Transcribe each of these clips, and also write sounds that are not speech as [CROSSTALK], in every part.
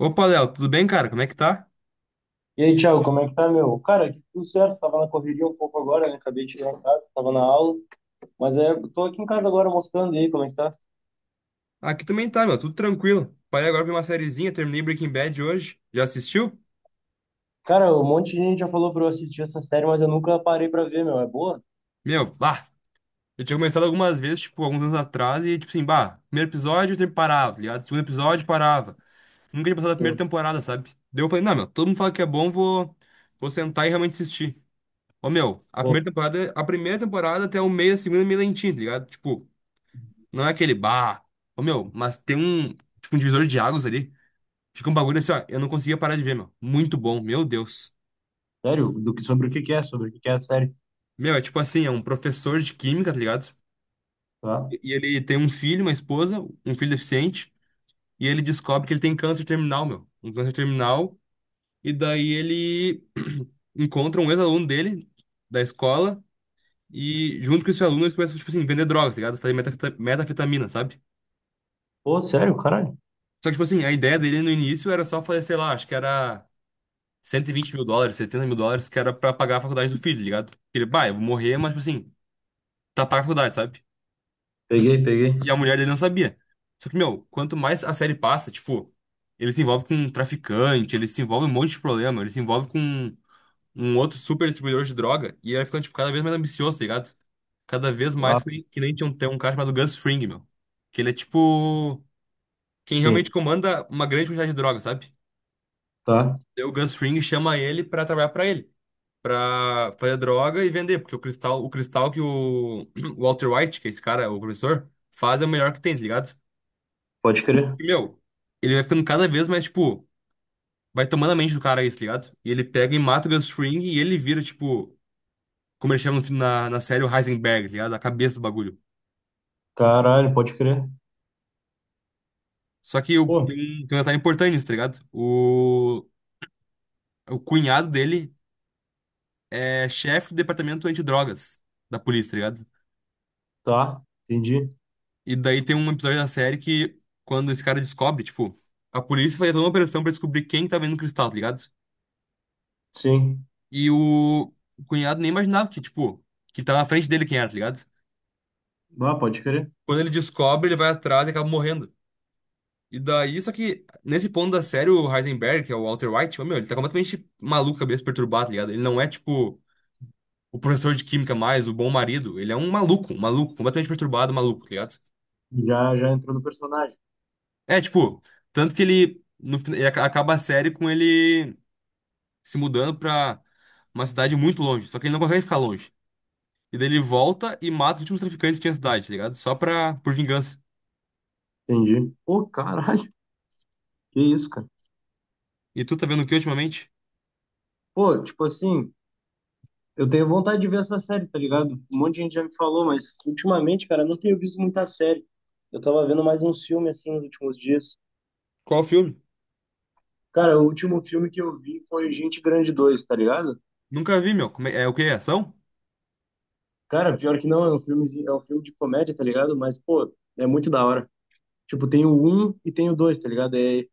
Opa, Léo, tudo bem, cara? Como é que tá? E aí, Thiago, como é que tá, meu? Cara, aqui tudo certo, tava na correria um pouco agora, né? Acabei de chegar em casa, tava na aula, mas é, tô aqui em casa agora mostrando aí como é que tá. Aqui também tá, meu, tudo tranquilo. Parei agora pra uma sériezinha, terminei Breaking Bad hoje. Já assistiu? Cara, um monte de gente já falou pra eu assistir essa série, mas eu nunca parei pra ver, meu. É boa? Meu, bah! Eu tinha começado algumas vezes, tipo, alguns anos atrás, e tipo assim, bah, primeiro episódio eu sempre parava, tá ligado? Segundo episódio parava. Nunca tinha passado a primeira Pô, temporada, sabe? Daí eu falei, não, meu, todo mundo fala que é bom, vou sentar e realmente assistir. Ô, meu, pô, a primeira temporada até o meio, a segunda é meio lentinha, tá ligado? Tipo, não é aquele bah. Ô, meu, mas tem um, tipo, um divisor de águas ali. Fica um bagulho assim, ó. Eu não conseguia parar de ver, meu. Muito bom, meu Deus. sério? Do que, sobre o que que é? Sobre o que que é a série? Meu, é tipo assim, é um professor de química, tá ligado? Tá. E ele tem um filho, uma esposa, um filho deficiente, e ele descobre que ele tem câncer terminal, meu. Um câncer terminal, e daí ele [CLEARS THROAT] encontra um ex-aluno dele, da escola, e junto com esse aluno eles começam, tipo assim, vender drogas, tá ligado? Fazer metafetamina, sabe? Pô, sério, caralho. Só que, tipo assim, a ideia dele no início era só fazer, sei lá, acho que era 120 mil dólares, 70 mil dólares, que era pra pagar a faculdade do filho, tá ligado? Ele, bah, eu vou morrer, mas, tipo assim, tapar a faculdade, sabe? Peguei, peguei. E a mulher dele não sabia. Só que, meu, quanto mais a série passa, tipo, ele se envolve com um traficante, ele se envolve em um monte de problema, ele se envolve com um outro super distribuidor de droga, e ele vai ficando, tipo, cada vez mais ambicioso, tá ligado? Cada vez mais Ah, que nem tinha um, tem um cara chamado Gus Fring, meu. Que ele é, tipo, quem realmente sim. comanda uma grande quantidade de droga, sabe? Tá. Daí o Gus Fring chama ele pra trabalhar pra ele. Pra fazer droga e vender, porque o cristal que o [CLEARS THROAT] o Walter White, que é esse cara, o professor, faz é o melhor que tem, tá ligado? Pode crer. E, meu, ele vai ficando cada vez mais, tipo, vai tomando a mente do cara isso, ligado? E ele pega e mata o Gus Fring e ele vira, tipo, como eles chamam no na série, o Heisenberg, tá ligado? A cabeça do bagulho. Caralho, pode crer. Só que o, tem, Pô, tem um detalhe importante nisso, tá ligado? O cunhado dele é chefe do departamento antidrogas da polícia, tá ligado? tá. Entendi. E daí tem um episódio da série que, quando esse cara descobre, tipo, a polícia faz toda uma operação pra descobrir quem tá vendo o cristal, tá ligado? Sim. E o cunhado nem imaginava que, tipo, que tava na frente dele quem era, tá ligado? Ah, pode crer. Quando ele descobre, ele vai atrás e acaba morrendo. E daí, só que nesse ponto da série, o Heisenberg, que é o Walter White, ô, meu, ele tá completamente maluco, cabeça perturbada, tá ligado? Ele não é tipo o professor de química mais, o bom marido. Ele é um maluco, completamente perturbado, maluco, tá ligado? Já, já entrou no personagem. É, tipo, tanto que ele, no, fina- ele aca- acaba a série com ele se mudando pra uma cidade muito longe. Só que ele não consegue ficar longe. E daí ele volta e mata os últimos traficantes que tinha na cidade, tá ligado? Só pra, por vingança. Entendi. Pô, caralho. Que isso, cara. E tu tá vendo o que ultimamente? Pô, tipo assim, eu tenho vontade de ver essa série, tá ligado? Um monte de gente já me falou, mas ultimamente, cara, eu não tenho visto muita série. Eu tava vendo mais um filme, assim, nos últimos dias. Qual filme? Cara, o último filme que eu vi foi Gente Grande dois, tá ligado? Nunca vi, meu. Como É, o que, ação? Cara, pior que não, é um filme de comédia, tá ligado? Mas, pô, é muito da hora. Tipo, tem o 1 e tem o 2, tá ligado? É,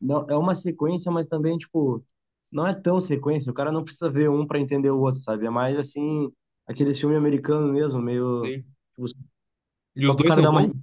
não, é uma sequência, mas também, tipo, não é tão sequência. O cara não precisa ver um pra entender o outro, sabe? É mais, assim, aquele filme americano mesmo, meio Sim. tipo, E só os pro dois cara são dar uma. bons?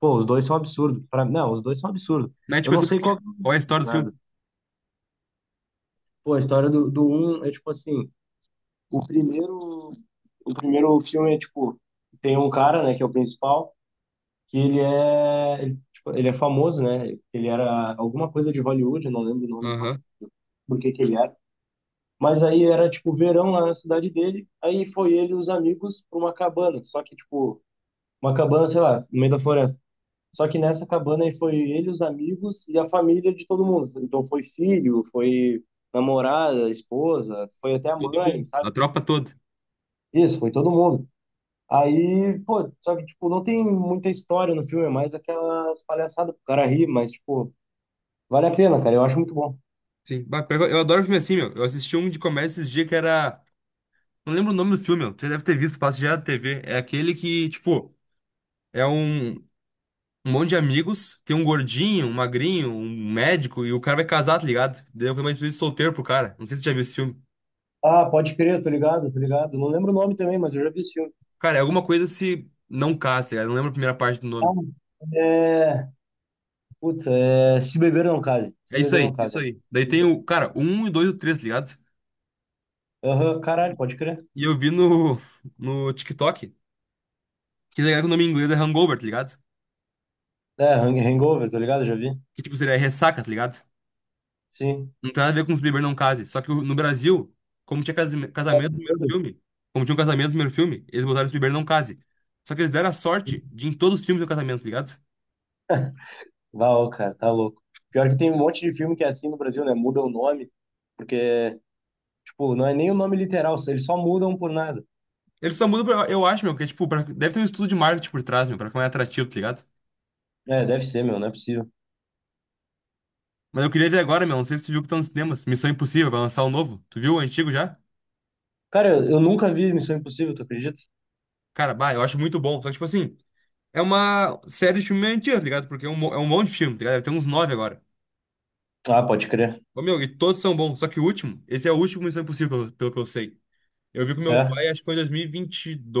Pô, os dois são absurdos. Pra... Não, os dois são absurdos. Mas, Eu tipo, é não sobre o sei qual quê? que Qual é a é o história do nada. filme? Pô, a história do um é tipo assim. O primeiro. O primeiro filme é tipo. Tem um cara, né, que é o principal, que ele é. Ele, tipo, ele é famoso, né? Ele era alguma coisa de Hollywood, eu não lembro o nome agora, Aham. por que que ele era. Mas aí era tipo verão lá na cidade dele. Aí foi ele e os amigos pra uma cabana. Só que, tipo, uma cabana, sei lá, no meio da floresta. Só que nessa cabana aí foi ele, os amigos e a família de todo mundo. Então foi filho, foi namorada, esposa, foi até a mãe, A sabe? tropa toda. Isso, foi todo mundo. Aí, pô, só que, tipo, não tem muita história no filme, é mais aquelas palhaçadas pro cara rir, mas, tipo, vale a pena, cara, eu acho muito bom. Sim. Bah, pior que eu adoro filme assim, meu. Eu assisti um de comédia esses dias que era. Não lembro o nome do filme, meu. Você deve ter visto, passa já na TV. É aquele que, tipo, é um monte de amigos, tem um gordinho, um magrinho, um médico, e o cara vai casar, tá ligado? Daí foi uma despedida de solteiro pro cara. Não sei se você já viu esse filme. Ah, pode crer, tô ligado, tô ligado. Não lembro o nome também, mas eu já vi esse filme. Cara, é alguma coisa se não casa, tá ligado? Eu não lembro a primeira parte do Ah, nome. é. Puta, é. Se beber não case. É Se isso beber não aí, case. isso aí. Daí tem o, cara, um e dois e o três, tá ligado? Aham, caralho, pode crer. E eu vi no TikTok. Que tá ligado que o nome em inglês é hangover, tá ligado? É, Hangover, tô ligado? Já vi. Que tipo seria ressaca, tá ligado? Sim. Não tem nada a ver com os Bieber não case. Só que no Brasil, como tinha casamento no primeiro filme, como tinha um casamento no primeiro filme, eles botaram os Bieber não case. Só que eles deram a sorte de em todos os filmes do casamento, tá ligado? Val, cara, tá louco. Pior que tem um monte de filme que é assim no Brasil, né? Muda o nome, porque, tipo, não é nem o nome literal, eles só mudam por nada. Eles só mudam, pra, eu acho, meu, que é tipo, deve ter um estudo de marketing por trás, meu, pra ficar mais atrativo, tá ligado? É, deve ser, meu, não é possível. Mas eu queria ver agora, meu, não sei se tu viu que tá nos cinemas, Missão Impossível, vai lançar o novo. Tu viu o antigo já? Cara, eu nunca vi Missão Impossível, tu acredita? Cara, bah, eu acho muito bom. Só que, tipo assim, é uma série de filme meio antiga, tá ligado? Porque é um, é um monte de filme, tá ligado? Deve ter uns nove agora. Ah, pode crer. Ô, meu, e todos são bons, só que o último, esse é o último Missão Impossível, pelo que eu sei. Eu vi com meu É, pai, acho que foi em 2022,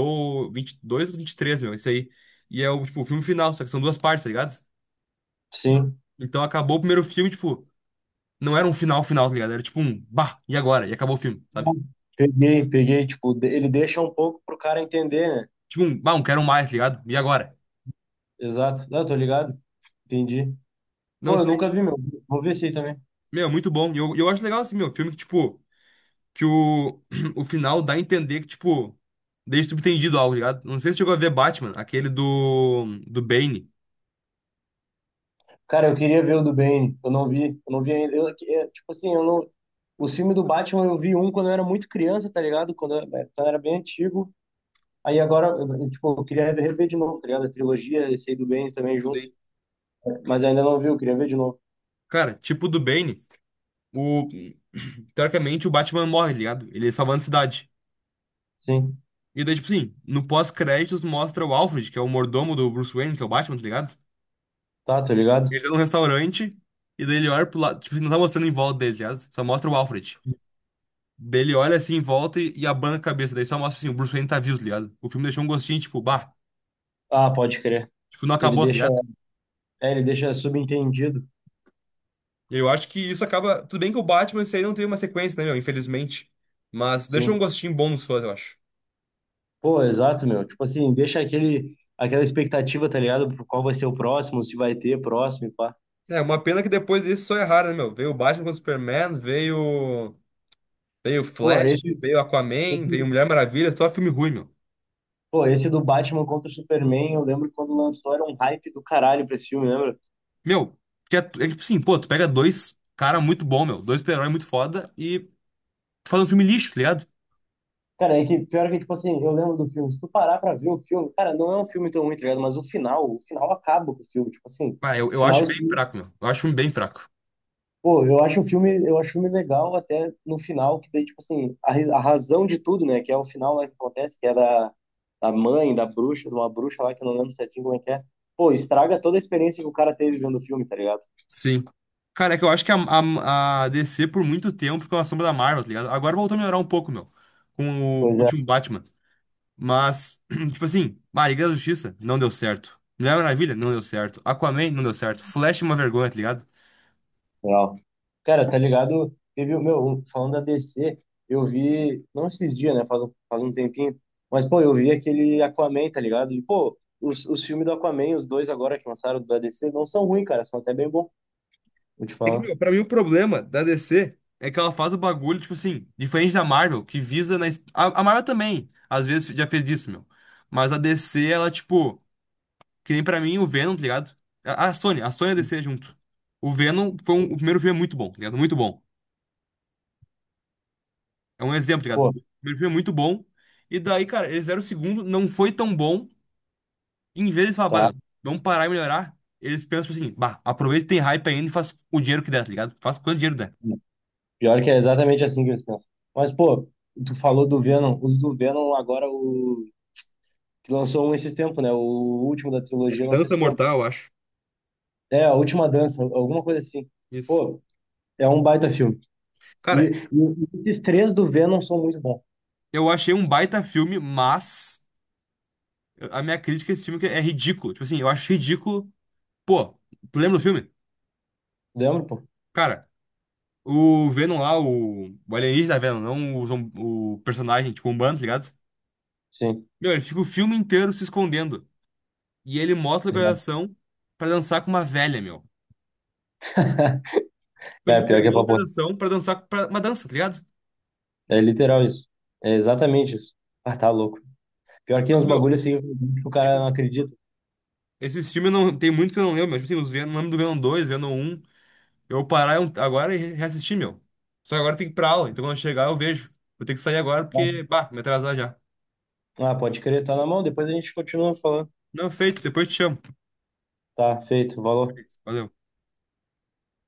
22 ou 23, meu, isso aí. E é o, tipo, o filme final, só que são duas partes, tá ligado? sim. Então acabou o primeiro filme, tipo, não era um final final, tá ligado? Era tipo um, bah, e agora? E acabou o filme, sabe? Peguei, peguei, tipo, ele deixa um pouco pro cara entender, né? Tipo um, bah, um quero mais, tá ligado? E agora? Exato. Não, tô ligado. Entendi. Pô, Não eu sei. nunca vi, meu. Vou ver esse aí também. Meu, é muito bom. E eu acho legal, assim, meu, filme que, tipo, que o, [CLEARS THROAT] o final dá a entender que, tipo, deixa subtendido algo, tá ligado? Não sei se chegou a ver Batman, aquele do Bane. Cara, eu, queria ver o do Bane. Eu não vi. Eu não vi ainda. Eu, é, tipo assim, eu não. Os filmes do Batman eu vi um quando eu era muito criança, tá ligado? Quando eu, né, quando eu era bem antigo. Aí agora, eu, tipo, eu queria rever de novo, tá ligado? A trilogia, esse aí do Bane também junto. Sim. Mas ainda não vi, eu queria ver de novo. Cara, tipo do Bane, o, teoricamente o Batman morre, tá ligado? Ele salvando a cidade. Sim. E daí, tipo assim, no pós-créditos mostra o Alfred, que é o mordomo do Bruce Wayne, que é o Batman, tá ligado? Tá, tô ligado? Ele tá num restaurante, e daí ele olha pro lado, tipo, não tá mostrando em volta dele, tá ligado? Só mostra o Alfred. Daí ele olha assim em volta e abana a cabeça, daí só mostra assim, o Bruce Wayne tá vivo, tá ligado? O filme deixou um gostinho, tipo, bah, Ah, pode crer. tipo, não Ele acabou, tá deixa. ligado? É, ele deixa subentendido. Eu acho que isso acaba. Tudo bem que o Batman, isso aí não tem uma sequência, né, meu? Infelizmente. Mas deixa um Sim. gostinho bom nos fãs, eu acho. Pô, exato, meu. Tipo assim, deixa aquele, aquela expectativa, tá ligado? Por qual vai ser o próximo, se vai ter próximo e pá. É, uma pena que depois disso só erraram, né, meu? Veio o Batman contra o Superman, veio, o Pô, Flash, esse, veio Aquaman, veio Mulher Maravilha, só filme ruim, meu. Pô, esse do Batman contra o Superman, eu lembro que quando lançou era um hype do caralho pra esse filme, lembra? Meu, que é que, tipo assim, pô, tu pega dois cara muito bom, meu, dois super-herói muito foda e tu faz um filme lixo, tá ligado? Cara, é que pior que, tipo assim, eu lembro do filme. Se tu parar pra ver o filme, cara, não é um filme tão ruim, tá ligado? Mas o final acaba com o filme, tipo assim. Ah, eu, O eu final, acho bem assim, fraco, meu. Eu acho um bem fraco. pô, eu acho o filme legal até no final, que daí, tipo assim, a, a razão de tudo, né? Que é o final lá que acontece, que é da, da mãe, da bruxa, de uma bruxa lá que eu não lembro certinho como é que é. Pô, estraga toda a experiência que o cara teve vendo o filme, tá ligado? Sim. Cara, é que eu acho que a DC por muito tempo ficou na sombra da Marvel, tá ligado? Agora voltou a melhorar um pouco, meu, com o Pois é. último Batman. Mas, [CLEARS THROAT] tipo assim, ah, Liga da Justiça não deu certo. Mulher Maravilha não deu certo. Aquaman não deu certo. Flash é uma vergonha, tá ligado? Legal. Cara, tá ligado? Teve o meu, falando da DC, eu vi, não esses dias, né? Faz, faz um tempinho, mas pô, eu vi aquele Aquaman, tá ligado? E pô, os filmes do Aquaman, os dois agora que lançaram da DC, não são ruins, cara, são até bem bons, vou te É que, falar. meu, pra mim o problema da DC é que ela faz o bagulho, tipo assim, diferente da Marvel, que visa na. A Marvel também, às vezes, já fez isso, meu. Mas a DC, ela, tipo, que nem pra mim o Venom, tá ligado? A Sony e a DC junto. O Venom foi um, o primeiro filme é muito bom, tá ligado? Muito bom. É um exemplo, tá ligado? Pô, O primeiro filme é muito bom. E daí, cara, eles deram o segundo, não foi tão bom. Em vez de falar, bah, tá. meu, vamos parar e melhorar, eles pensam tipo assim, bah, aproveita que tem hype ainda e faz o dinheiro que der, tá ligado? Faz quanto dinheiro der. Pior que é exatamente assim que eles pensam. Mas pô, tu falou do Venom, os do Venom agora, o que lançou um esses tempos, né? O último da trilogia lançou Dança esse tempo. Mortal, eu acho. É, a última dança, alguma coisa assim. Isso. Pô, é um baita filme. E, e Cara, esses 3 do Venom são muito bons. eu achei um baita filme, mas a minha crítica a esse filme é que é ridículo. Tipo assim, eu acho ridículo. Pô, tu lembra do filme? Lembra, pô? Cara, o Venom lá, o alienígena Venom, não o personagem, tipo, um bando, tá ligado? Sim. Meu, ele fica o filme inteiro se escondendo. E ele mostra a localização pra dançar com uma velha, meu. Tipo, ele Cara, pior que é entregou a papo reto. localização pra dançar pra uma dança, tá ligado? É literal isso. É exatamente isso. Ah, tá louco. Pior que tem Mas, uns meu, bagulhos assim que o cara não esse- acredita. esses filmes não tem muito que eu não lembro, mas tipo assim, os Venom, lembro do Venom dois, Venom um. Eu vou parar agora e reassistir, meu. Só que agora tem que ir pra aula, então quando eu chegar eu vejo. Vou ter que sair agora porque, bah, me atrasar já. Ah, pode crer, tá na mão, depois a gente continua falando. Não, feito, depois te chamo. Tá, feito, valeu. Feito, valeu.